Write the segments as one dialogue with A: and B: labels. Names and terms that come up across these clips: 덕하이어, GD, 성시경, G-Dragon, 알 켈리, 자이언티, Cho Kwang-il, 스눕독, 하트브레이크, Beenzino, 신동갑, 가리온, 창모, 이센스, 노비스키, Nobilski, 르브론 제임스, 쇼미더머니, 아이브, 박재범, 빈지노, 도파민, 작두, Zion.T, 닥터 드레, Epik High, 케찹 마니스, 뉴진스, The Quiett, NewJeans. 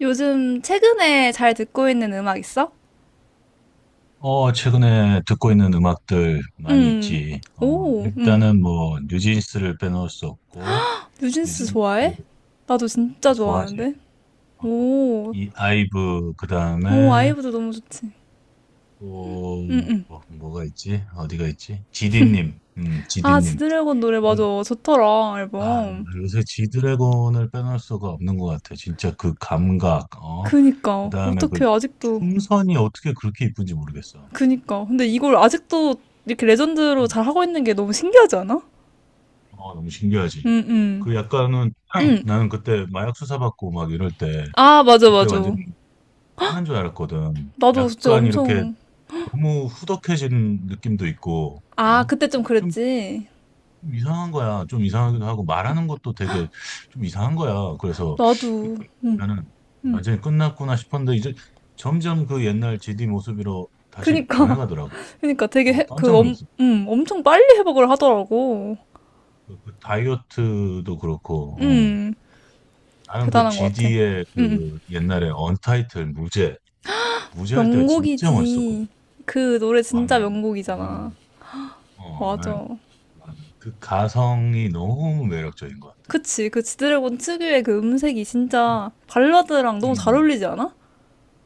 A: 요즘 최근에 잘 듣고 있는 음악 있어?
B: 최근에 듣고 있는 음악들 많이
A: 음.
B: 있지.
A: 오,
B: 일단은 뭐, 뉴진스를 빼놓을 수 없고,
A: 뉴진스
B: 뉴진스
A: 좋아해? 나도 진짜
B: 좋아하지.
A: 좋아하는데.
B: 어,
A: 오,
B: 이 아이브, 그
A: 오,
B: 다음에
A: 아이브도 너무 좋지.
B: 또, 뭐, 뭐가 있지? 어디가 있지? 지디님,
A: 아,
B: 지디님.
A: 지드래곤 노래 맞아.
B: 요-
A: 좋더라,
B: 아,
A: 앨범.
B: 요새 지드래곤을 빼놓을 수가 없는 것 같아. 진짜 그 감각, 그
A: 그니까.
B: 다음에 그
A: 어떻게 아직도.
B: 춤선이 어떻게 그렇게 이쁜지 모르겠어.
A: 그니까. 근데 이걸 아직도 이렇게 레전드로
B: 음.
A: 잘 하고 있는 게 너무 신기하지 않아?
B: 너무 신기하지.
A: 응, 응.
B: 그 약간은
A: 응.
B: 나는 그때 마약 수사받고 막 이럴 때
A: 아, 맞아,
B: 그때 완전
A: 맞아.
B: 끝난 줄 알았거든.
A: 나도 진짜
B: 약간 이렇게
A: 엄청.
B: 너무 후덕해진 느낌도 있고,
A: 아,
B: 어?
A: 그때 좀
B: 좀
A: 그랬지.
B: 이상한 거야. 좀 이상하기도 하고 말하는 것도 되게 좀 이상한 거야. 그래서
A: 나도.
B: 나는 완전히 끝났구나 싶었는데 이제 점점 그 옛날 GD 모습으로 다시
A: 그니까.
B: 변해가더라고.
A: 그러니까 되게
B: 깜짝 놀랐어.
A: 엄청 빨리 회복을 하더라고.
B: 그 다이어트도 그렇고.
A: 음,
B: 나는 그
A: 대단한 것 같아.
B: GD의
A: 음, 음.
B: 그 옛날에 언타이틀 무제 무제 할 때가 진짜
A: 명곡이지.
B: 멋있었거든.
A: 그 노래
B: 와,
A: 진짜 명곡이잖아.
B: 이건 어, 난,
A: 맞아.
B: 난그 가성이 너무 매력적인 것 같아.
A: 그치, 그 지드래곤 특유의 그 음색이
B: 음,
A: 진짜 발라드랑 너무 잘
B: 음.
A: 어울리지 않아?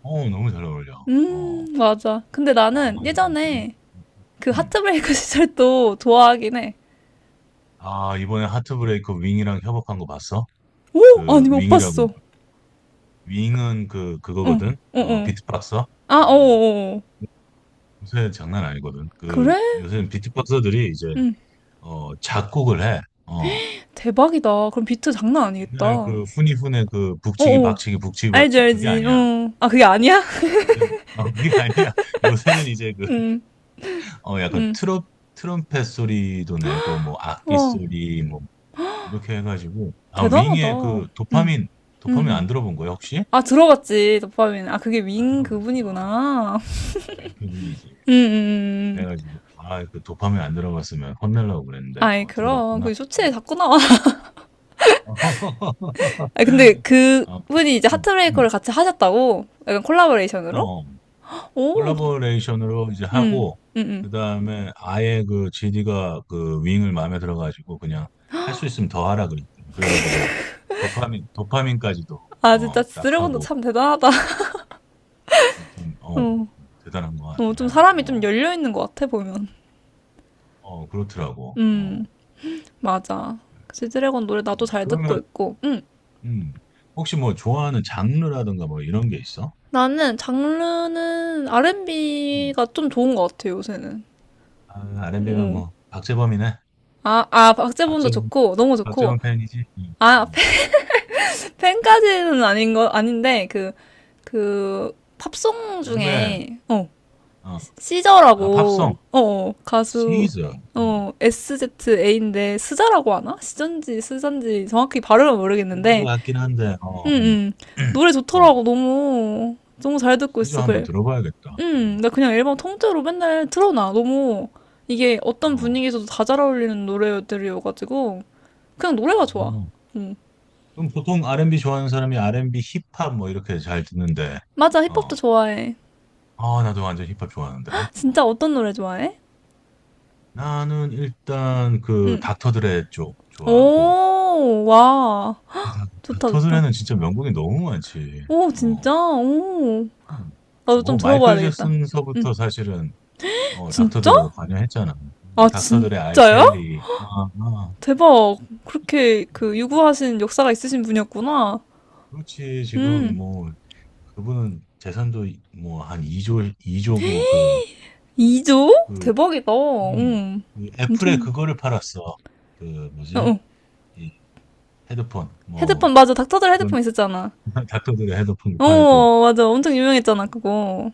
B: 너무 잘 어울려.
A: 맞아. 근데
B: 아,
A: 나는
B: 그,
A: 예전에 그
B: 음.
A: 하트브레이크 시절도 좋아하긴 해.
B: 아, 이번에 하트브레이크 윙이랑 협업한 거 봤어?
A: 오!
B: 그
A: 아니, 못 봤어.
B: 윙이라고
A: 어,
B: 윙은 그거거든.
A: 어, 어.
B: 비트박서.
A: 아,
B: 어,
A: 어, 어, 어.
B: 요새 장난 아니거든. 그
A: 그래?
B: 요새는 비트박서들이 이제
A: 응.
B: 작곡을 해. 어,
A: 대박이다. 그럼 비트 장난
B: 옛날
A: 아니겠다.
B: 그 후니훈의 그 북치기
A: 어어.
B: 박치기 북치기
A: 알지,
B: 박치기 그게
A: 알지.
B: 아니야.
A: 어. 아, 그게 아니야?
B: 근데- 그게 아니야. 요새는 이제 그 약간 트롯 트럼펫 소리도 내고 뭐 악기
A: 와,
B: 소리 뭐 이렇게 해가지고
A: 대단하다.
B: 윙의 그
A: 응, 응,
B: 도파민 도파민
A: 응.
B: 안 들어본 거야, 혹시?
A: 아, 들어봤지, 도파민. 아, 그게 윙
B: 들어봤어. 어,
A: 그분이구나.
B: 윙크군이지.
A: 응, 응, 응. 응.
B: 그래가지고 그 도파민 안 들어봤으면 혼내려고 그랬는데
A: 아이, 그럼.
B: 들어봤구나.
A: 그 쇼츠에 자꾸 나와. 아, 근데 그
B: 어,
A: 분이 이제
B: 음,
A: 하트브레이커를
B: 음.
A: 같이 하셨다고? 약간
B: 어,
A: 콜라보레이션으로?
B: 어.
A: 오,
B: 콜라보레이션으로 이제
A: 응,
B: 하고
A: 응, 응.
B: 그다음에 아예 그 GD가 그 윙을 마음에 들어가지고 그냥 할 수 있으면 더 하라 그랬 그래가지고 도파민 도파민까지도
A: 아, 진짜
B: 딱
A: 드래곤도
B: 하고
A: 참 대단하다.
B: 좀
A: 어,
B: 대단한 것
A: 어,
B: 같긴 해.
A: 좀 사람이 좀
B: 어,
A: 열려있는 것 같아, 보면.
B: 그렇더라고.
A: 음, 맞아. 그치, 드래곤 노래 나도 잘
B: 그러면
A: 듣고 있고. 응.
B: 음 혹시 뭐 좋아하는 장르라든가 뭐 이런 게 있어?
A: 나는 장르는
B: 음,
A: R&B가 좀 좋은 것 같아요, 요새는.
B: R&B면
A: 음.
B: 뭐 박재범이네.
A: 아, 아, 박재범도
B: 박재범
A: 좋고, 너무 좋고,
B: 박재범 팬이지.
A: 아, 팬, 팬까지는 아닌 거, 아닌데, 팝송
B: 몸매
A: 중에,
B: 어아
A: 시저라고,
B: 팝송
A: 가수,
B: 시저
A: SZA인데, 스자라고 하나? 시전지, 스잔지, 정확히 발음은
B: 부분 것
A: 모르겠는데,
B: 같긴 한데,
A: 응, 응. 음. 노래
B: 음,
A: 좋더라고, 너무. 너무 잘 듣고
B: 이제
A: 있어.
B: 한번
A: 그래.
B: 들어봐야겠다.
A: 나 그냥 앨범 통째로 맨날 틀어놔. 너무 이게 어떤
B: 어,
A: 분위기에서도 다 잘 어울리는 노래들이어가지고 그냥 노래가 좋아.
B: 어.
A: 음.
B: 그럼 보통 R&B 좋아하는 사람이 R&B 힙합 뭐 이렇게 잘 듣는데,
A: 맞아, 힙합도
B: 어,
A: 좋아해.
B: 나도 완전 힙합 좋아하는데. 어.
A: 진짜 어떤 노래 좋아해?
B: 나는 일단 그
A: 응
B: 닥터 드레 쪽 좋아하고,
A: 오, 와. 좋다,
B: 닥터
A: 좋다.
B: 드레는 진짜 명곡이 너무 많지.
A: 오,
B: 어,
A: 진짜? 오.
B: 음.
A: 나도 좀
B: 뭐
A: 들어봐야
B: 마이클
A: 되겠다. 응
B: 잭슨서부터 사실은 닥터
A: 진짜?
B: 드레가 관여했잖아.
A: 아,
B: 닥터 드레, 알
A: 진짜요?
B: 켈리,
A: 대박. 그렇게 그
B: 음.
A: 유구하신 역사가 있으신 분이었구나.
B: 그렇지. 지금
A: 음.
B: 뭐 그분은 재산도 뭐 한 2조 2조고 그
A: 이조
B: 그
A: 대박이다.
B: 음,
A: 음.
B: 그 애플에
A: 엄청
B: 그거를 팔았어. 그
A: 어,
B: 뭐지?
A: 어.
B: 이 헤드폰
A: 헤드폰
B: 뭐
A: 맞아, 닥터들
B: 그건
A: 헤드폰 있었잖아.
B: 닥터들의 헤드폰을 팔고
A: 어 맞아, 엄청 유명했잖아 그거.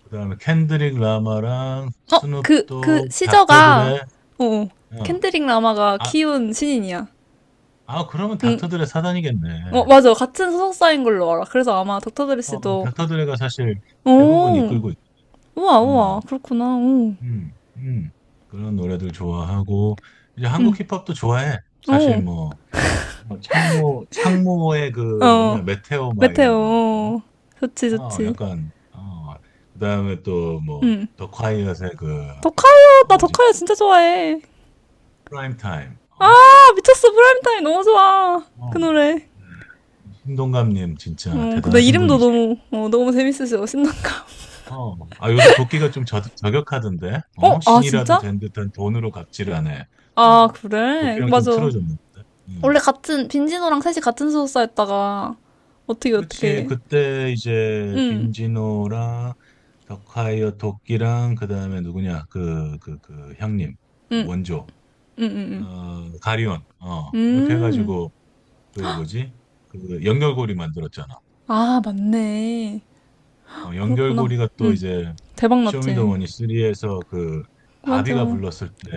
B: 그다음에 켄드릭 라마랑
A: 어 그
B: 스눕독
A: 시저가
B: 닥터들의
A: 어 어.
B: 어,
A: 캔드릭 라마가
B: 아,
A: 키운 신인이야.
B: 그러면
A: 응.
B: 닥터들의 사단이겠네.
A: 어 맞아, 같은 소속사인 걸로 알아. 그래서 아마 닥터들 씨도
B: 닥터들의가 사실 대부분
A: 오
B: 이끌고 있,
A: 우와 우와
B: 어
A: 그렇구나. 오.
B: 음, 음. 그런 노래들 좋아하고 이제
A: 응.
B: 한국 힙합도 좋아해. 사실
A: 오.
B: 뭐, 창모의 그
A: 어
B: 뭐냐 메테오 막
A: 메테오.
B: 이런 거. 어,
A: 어. 좋지 좋지.
B: 약간 그다음에 또 뭐
A: 응.
B: 더 콰이엇의 그,
A: 더카이야, 나
B: 뭐지?
A: 더카이야 진짜 좋아해.
B: 프라임 타임.
A: 아 미쳤어, 프라임타임 너무 좋아 그
B: 어
A: 노래.
B: 신동갑님 진짜
A: 근데
B: 대단하신
A: 이름도
B: 분이지.
A: 너무 너무 재밌으셔, 신난가.
B: 요새 도끼가 좀 저격하던데.
A: 어? 아,
B: 신이라도
A: 진짜?
B: 된 듯한 돈으로 갑질하네.
A: 아,
B: 어,
A: 그래?
B: 도끼랑 좀
A: 맞아.
B: 틀어졌는데.
A: 원래 같은, 빈진호랑 셋이 같은 소속사였다가, 어떻게,
B: 그렇지.
A: 어떻게.
B: 그때 이제
A: 응,
B: 빈지노랑 덕하이어 도끼랑 그다음에 누구냐? 그 형님. 그
A: 응,
B: 원조.
A: 응, 응, 응.
B: 가리온.
A: 응.
B: 이렇게 해
A: 음.
B: 가지고 그 뭐지? 그 연결고리 만들었잖아.
A: 아, 맞네. 그렇구나.
B: 연결고리가 또
A: 응.
B: 이제
A: 대박 났지.
B: 쇼미더머니 3에서 그
A: 맞아.
B: 바비가 불렀을 때,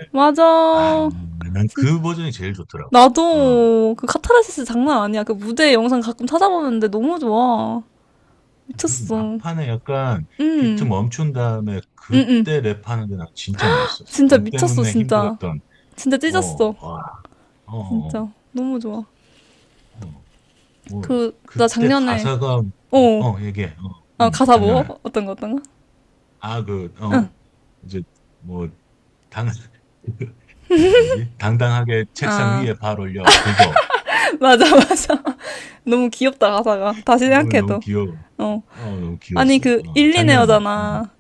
B: 아,
A: 맞아.
B: 난
A: 진짜.
B: 그 버전이 제일 좋더라고. 어.
A: 나도 그 카타르시스 장난 아니야. 그 무대 영상 가끔 찾아보는데 너무 좋아.
B: 그리고
A: 미쳤어.
B: 막판에 약간 비트
A: 응,
B: 멈춘 다음에
A: 응, 응.
B: 그때 랩하는 게 난 진짜 멋있었어.
A: 진짜
B: 돈
A: 미쳤어,
B: 때문에
A: 진짜.
B: 힘들었던.
A: 진짜
B: 어,
A: 찢었어.
B: 와, 어, 어,
A: 진짜. 너무 좋아.
B: 어, 뭐
A: 그, 나
B: 그때
A: 작년에,
B: 가사가
A: 어,
B: 얘기해.
A: 아, 가사
B: 작년에
A: 뭐? 어떤 거, 어떤 거?
B: 아 그
A: 응,
B: 어 이제 뭐 당, 뭐지? 당당하게 책상
A: 아,
B: 위에 발 올려. 그거.
A: 맞아, 맞아. 너무 귀엽다, 가사가. 다시
B: 너무 너무
A: 생각해도.
B: 귀여워.
A: 어.
B: 너무
A: 아니,
B: 귀여웠어.
A: 그,
B: 작년에 뭐,
A: 일리네어잖아.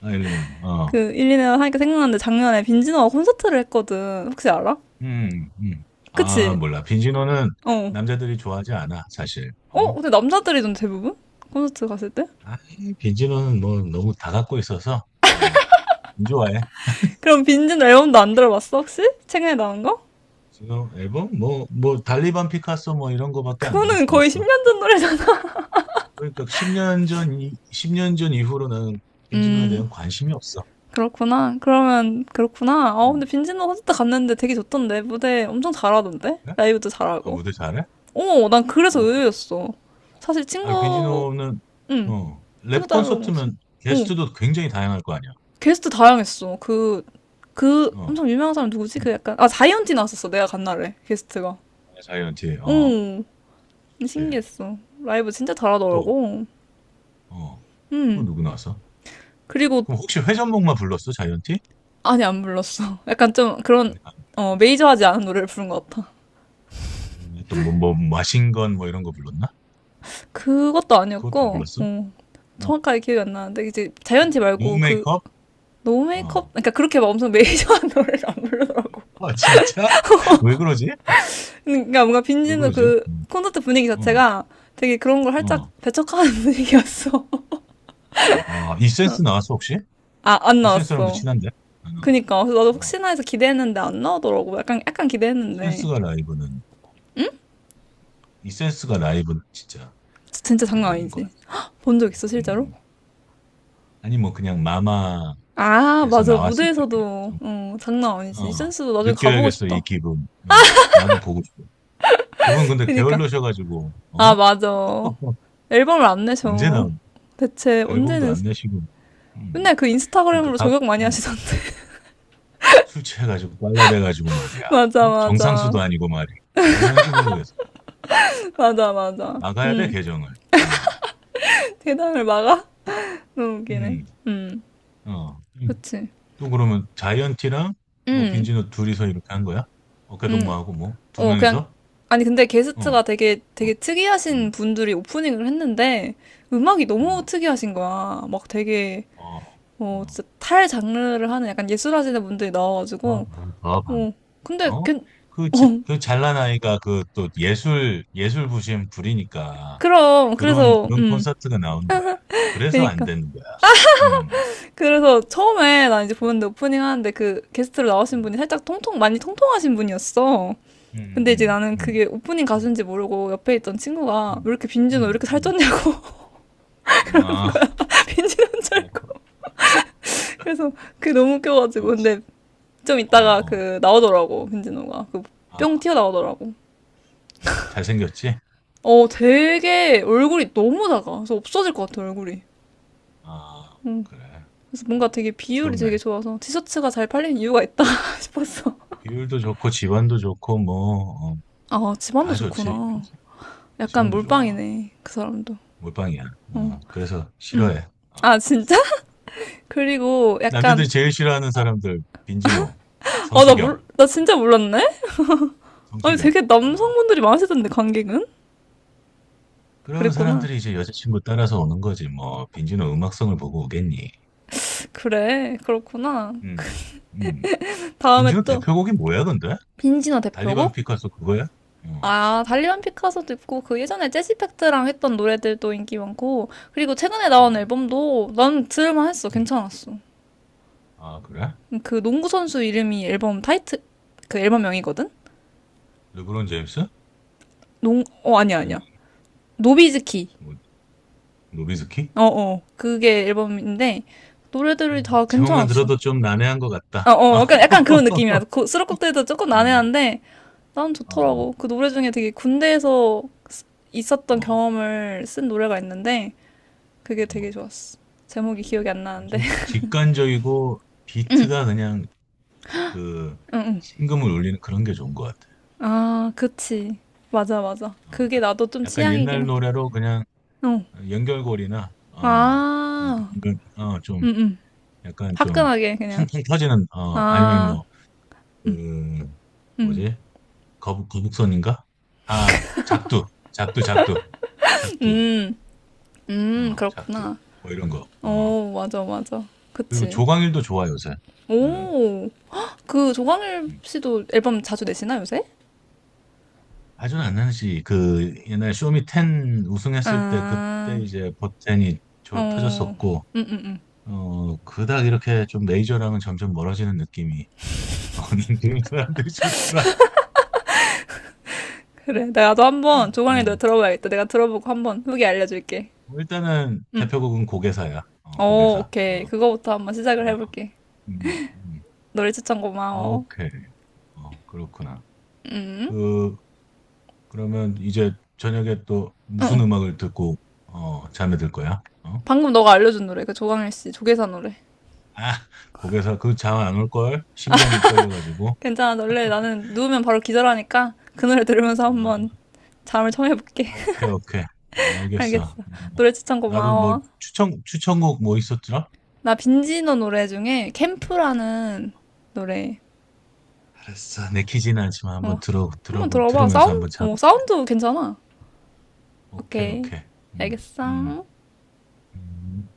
B: 아일랜드.
A: 그, 일리네어 하니까 생각났는데 작년에 빈지노가 콘서트를 했거든. 혹시 알아?
B: 음, 음. 아,
A: 그치?
B: 몰라. 빈지노는
A: 어.
B: 남자들이 좋아하지 않아, 사실.
A: 어?
B: 어?
A: 근데 남자들이던 대부분? 콘서트 갔을 때?
B: 아, 빈지노는 뭐 너무 다 갖고 있어서, 어, 안 좋아해.
A: 그럼 빈지노 앨범도 안 들어봤어, 혹시? 최근에 나온 거?
B: 지노 앨범? 뭐, 달리반 피카소 뭐 이런 거밖에 안
A: 그거는 거의
B: 들어봤어.
A: 10년 전 노래잖아.
B: 그러니까 10년 전, 10년 전 이후로는 빈지노에
A: 음.
B: 대한 관심이 없어.
A: 그렇구나. 그러면 그렇구나. 아 근데
B: 음.
A: 빈지노 콘서트 갔는데 되게 좋던데, 무대 엄청 잘하던데,
B: 그래?
A: 라이브도
B: 아,
A: 잘하고.
B: 무대 잘해?
A: 어 난 그래서
B: 어, 그-
A: 의외였어. 사실 친구
B: 빈지노는,
A: 응
B: 랩
A: 친구 따라온 거지.
B: 콘서트면
A: 어
B: 게스트도 굉장히 다양할 거 아니야.
A: 게스트 다양했어. 그
B: 어,
A: 엄청 유명한 사람 누구지?
B: 음.
A: 그 약간 아 자이언티 나왔었어, 내가 간 날에 게스트가.
B: 자이언티,
A: 어
B: 그치.
A: 신기했어. 라이브 진짜 잘하더라고.
B: 어. 또
A: 응
B: 누구 나왔어?
A: 그리고
B: 그럼 혹시 회 전목만 불렀어? 자이언티?
A: 아니 안 불렀어. 약간 좀 그런
B: 아니,
A: 어 메이저하지 않은 노래를 부른 것 같아.
B: 니 또 뭐, 마신건 뭐 이런 거 불렀나?
A: 그것도
B: 그것도 안
A: 아니었고,
B: 불렀어?
A: 어,
B: 어.
A: 정확하게 기억이 안 나는데, 이제 자이언티
B: 노
A: 말고 그,
B: 메이크업?
A: 노 메이크업,
B: 어.
A: 그러니까 그렇게 막 엄청 메이저한 노래를 안 부르더라고.
B: 아, 진짜? 왜 그러지?
A: 그러니까 뭔가
B: 왜
A: 빈지노
B: 그러지?
A: 그 콘서트 분위기
B: 어,
A: 자체가 되게 그런 걸 살짝
B: 어.
A: 배척하는 분위기였어.
B: 아, 이센스 나왔어, 혹시?
A: 아, 안
B: 이센스랑도
A: 나왔어.
B: 친한데? 아,
A: 그니까. 그래서 나도
B: 나왔구나.
A: 혹시나 해서 기대했는데 안 나오더라고. 약간, 약간 기대했는데.
B: 이센스가 라이브는, 이센스가 라이브는 진짜
A: 진- 짜 장난
B: 대박인 것
A: 아니지.
B: 같아.
A: 본 적 있어,
B: 음.
A: 실제로?
B: 음. 아니, 뭐, 그냥 마마에서
A: 아, 맞아.
B: 나왔을 때 그냥 그
A: 무대에서도,
B: 정도.
A: 어, 장난 아니지. 이
B: 어.
A: 센스도 나중에 가보고
B: 느껴야겠어, 이
A: 싶다.
B: 기분. 나도 보고 싶어. 그분 근데
A: 그니까.
B: 게을르셔가지고
A: 아,
B: 어?
A: 맞아. 앨범을 안
B: 언제
A: 내셔.
B: 나온.
A: 대체
B: 앨범도
A: 언제는
B: 안 내시고. 음,
A: 맨날 그
B: 그러니까
A: 인스타그램으로
B: 각.
A: 저격 많이
B: 음,
A: 하시던데.
B: 술 취해가지고 빨라대가지고 말이야.
A: 맞아,
B: 어?
A: 맞아.
B: 정상수도 아니고 말이야. 왜 그런지 모르겠어.
A: 맞아, 맞아.
B: 나가야 돼
A: 음.
B: 계정을. 어,
A: 대담을 막아? 너무 웃기네.
B: 음,
A: 음.
B: 어, 음.
A: 그치.
B: 또 그러면 자이언티랑 뭐
A: 음.
B: 빈지노 둘이서 이렇게 한 거야?
A: 음.
B: 어깨동무하고 뭐 두
A: 어, 그냥
B: 명이서?
A: 아니 근데
B: 어,
A: 게스트가 되게
B: 어,
A: 되게
B: 어,
A: 특이하신 분들이 오프닝을 했는데 음악이 너무 특이하신 거야. 막 되게
B: 어,
A: 어
B: 어,
A: 진짜 탈 장르를 하는 약간 예술하시는 분들이
B: 어.
A: 나와가지고
B: 아,
A: 어 근데
B: 어?
A: 괜
B: 그,
A: 어,
B: 그 잘난 아이가 그 또 예술 부심 부리니까
A: 그럼 그래서
B: 그런 콘서트가 나오는 거야. 그래서 안
A: 그러니까
B: 되는 거야. 음.
A: 그래서 처음에 나 이제 보는데, 오프닝 하는데 그 게스트로 나오신
B: 음,
A: 분이 살짝 통통 많이 통통하신 분이었어.
B: 음,
A: 근데 이제
B: 음,
A: 나는
B: 음,
A: 그게 오프닝 가수인지 모르고 옆에 있던 친구가 왜
B: 음,
A: 이렇게 빈지노 왜
B: 음,
A: 이렇게
B: 음.
A: 살쪘냐고
B: 음.
A: 빈지노인 줄
B: 어,
A: 알고 그래서 그게 너무 웃겨가지고,
B: 어,
A: 근데 좀
B: 어,
A: 이따가
B: 어.
A: 그 나오더라고, 빈지노가 그 뿅
B: 아,
A: 튀어나오더라고.
B: 잘생겼지?
A: 어 되게 얼굴이 너무 작아. 그래서 없어질 것 같아, 얼굴이.
B: 아,
A: 음.
B: 그래.
A: 그래서 뭔가
B: 아,
A: 되게 비율이
B: 부럽네.
A: 되게 좋아서 티셔츠가 잘 팔리는 이유가 있다 싶었어.
B: 비율도 좋고, 지원도 좋고, 뭐,
A: 아, 집안도
B: 다 좋지.
A: 좋구나.
B: 비지.
A: 약간
B: 지원도 좋아.
A: 몰빵이네, 그 사람도.
B: 몰빵이야.
A: 어,
B: 그래서
A: 응.
B: 싫어해.
A: 아, 진짜? 그리고 약간,
B: 남자들이 제일 싫어하는 사람들, 빈지노,
A: 아, 나 몰,
B: 성시경,
A: 나 진짜 몰랐네? 아니,
B: 성시경.
A: 되게
B: 어,
A: 남성분들이 많으시던데, 관객은?
B: 그런
A: 그랬구나.
B: 사람들이 이제 여자친구 따라서 오는 거지. 뭐, 빈지노 음악성을 보고 오겠니?
A: 그래, 그렇구나.
B: 음, 음.
A: 다음에
B: 빈지노
A: 또,
B: 대표곡이 뭐야, 근데?
A: 빈지노
B: 달리반
A: 대표곡?
B: 피카소 그거야? 어,
A: 아, 달리반 피카소도 있고, 그 예전에 재즈팩트랑 했던 노래들도 인기 많고, 그리고 최근에 나온
B: 어,
A: 앨범도 난 들을만 했어.
B: 음.
A: 괜찮았어.
B: 아, 그래?
A: 그 농구 선수 이름이 앨범 타이틀, 그 앨범명이거든?
B: 르브론 제임스?
A: 아니야,
B: 아니,
A: 아니야. 노비즈키.
B: 뭐, 노비스키? 어,
A: 어어. 그게 앨범인데 노래들이 다
B: 제목만
A: 괜찮았어.
B: 들어도 좀 난해한 것 같다.
A: 어어. 약간 약간 그런 느낌이야. 그 수록곡들도 조금 난해한데 난
B: 어, 어,
A: 좋더라고. 그 노래 중에 되게 군대에서 있었던
B: 어.
A: 경험을 쓴 노래가 있는데 그게
B: 어.
A: 되게 좋았어. 제목이 기억이 안 나는데.
B: 좀 직관적이고 비트가 그냥 그
A: 응. 응.
B: 심금을 울리는 그런 게 좋은 것 같아.
A: 아, 그치. 맞아, 맞아.
B: 어,
A: 그게
B: 약-
A: 나도 좀
B: 약간 옛날
A: 취향이긴 해.
B: 노래로 그냥
A: 어.
B: 연결고리나, 이,
A: 아.
B: 이런 좀
A: 응, 응.
B: 약간 좀
A: 화끈하게 그냥.
B: 퉁퉁 터지는, 아니면
A: 아.
B: 뭐그
A: 응
B: 뭐지? 거북선인가? 아, 작두. 작두 작두. 작두.
A: 음.
B: 작두.
A: 그렇구나.
B: 뭐 이런 거.
A: 어, 맞아, 맞아.
B: 그리고
A: 그치.
B: 조광일도 좋아 요새. 나는.
A: 오, 그 조광일
B: 음.
A: 씨도 앨범 자주 내시나, 요새?
B: 아주는 안 나지. 그 옛날 쇼미10 우승했을 때 그때
A: 아,
B: 이제 버텐이
A: 어,
B: 터졌었고.
A: 음, 음, 음.
B: 그닥 이렇게 좀 메이저랑은 점점 멀어지는 느낌이. 어는 그런 사람들이 좋더라.
A: 그래. 나도 한번 조광일 노래
B: 음.
A: 들어봐야겠다. 내가 들어보고 한번 후기 알려줄게.
B: 뭐 일단은
A: 응.
B: 대표곡은 고개사야.
A: 어,
B: 고개사.
A: 오케이. 그거부터 한번
B: 어,
A: 시작을 해볼게.
B: 음, 음.
A: 노래 추천 고마워.
B: 오케이. 그렇구나.
A: 응응.
B: 그, 그러면 이제 저녁에 또
A: 어,
B: 무슨
A: 어.
B: 음악을 듣고, 잠에 들 거야? 어?
A: 방금 너가 알려준 노래, 그 조광일 씨 조계사 노래.
B: 아, 고개사 그 잠 안 올 걸? 심장이 떨려가지고.
A: 괜찮아, 원래 나는 누우면 바로 기절하니까 그 노래 들으면서
B: 아,
A: 한번 잠을 청해볼게.
B: 오케이, 오케이. 알겠어.
A: 알겠어.
B: 음.
A: 노래 추천
B: 나도 뭐
A: 고마워.
B: 추천곡 뭐 있었더라?
A: 나 빈지노 노래 중에 캠프라는 노래.
B: 알았어. 내키지는 않지만
A: 어,
B: 한번
A: 한번 들어봐.
B: 들으면서 한번
A: 사운드, 어,
B: 잡을게.
A: 사운드 괜찮아.
B: 오케이,
A: 오케이.
B: 오케이. 음,
A: 알겠어.
B: 음, 음.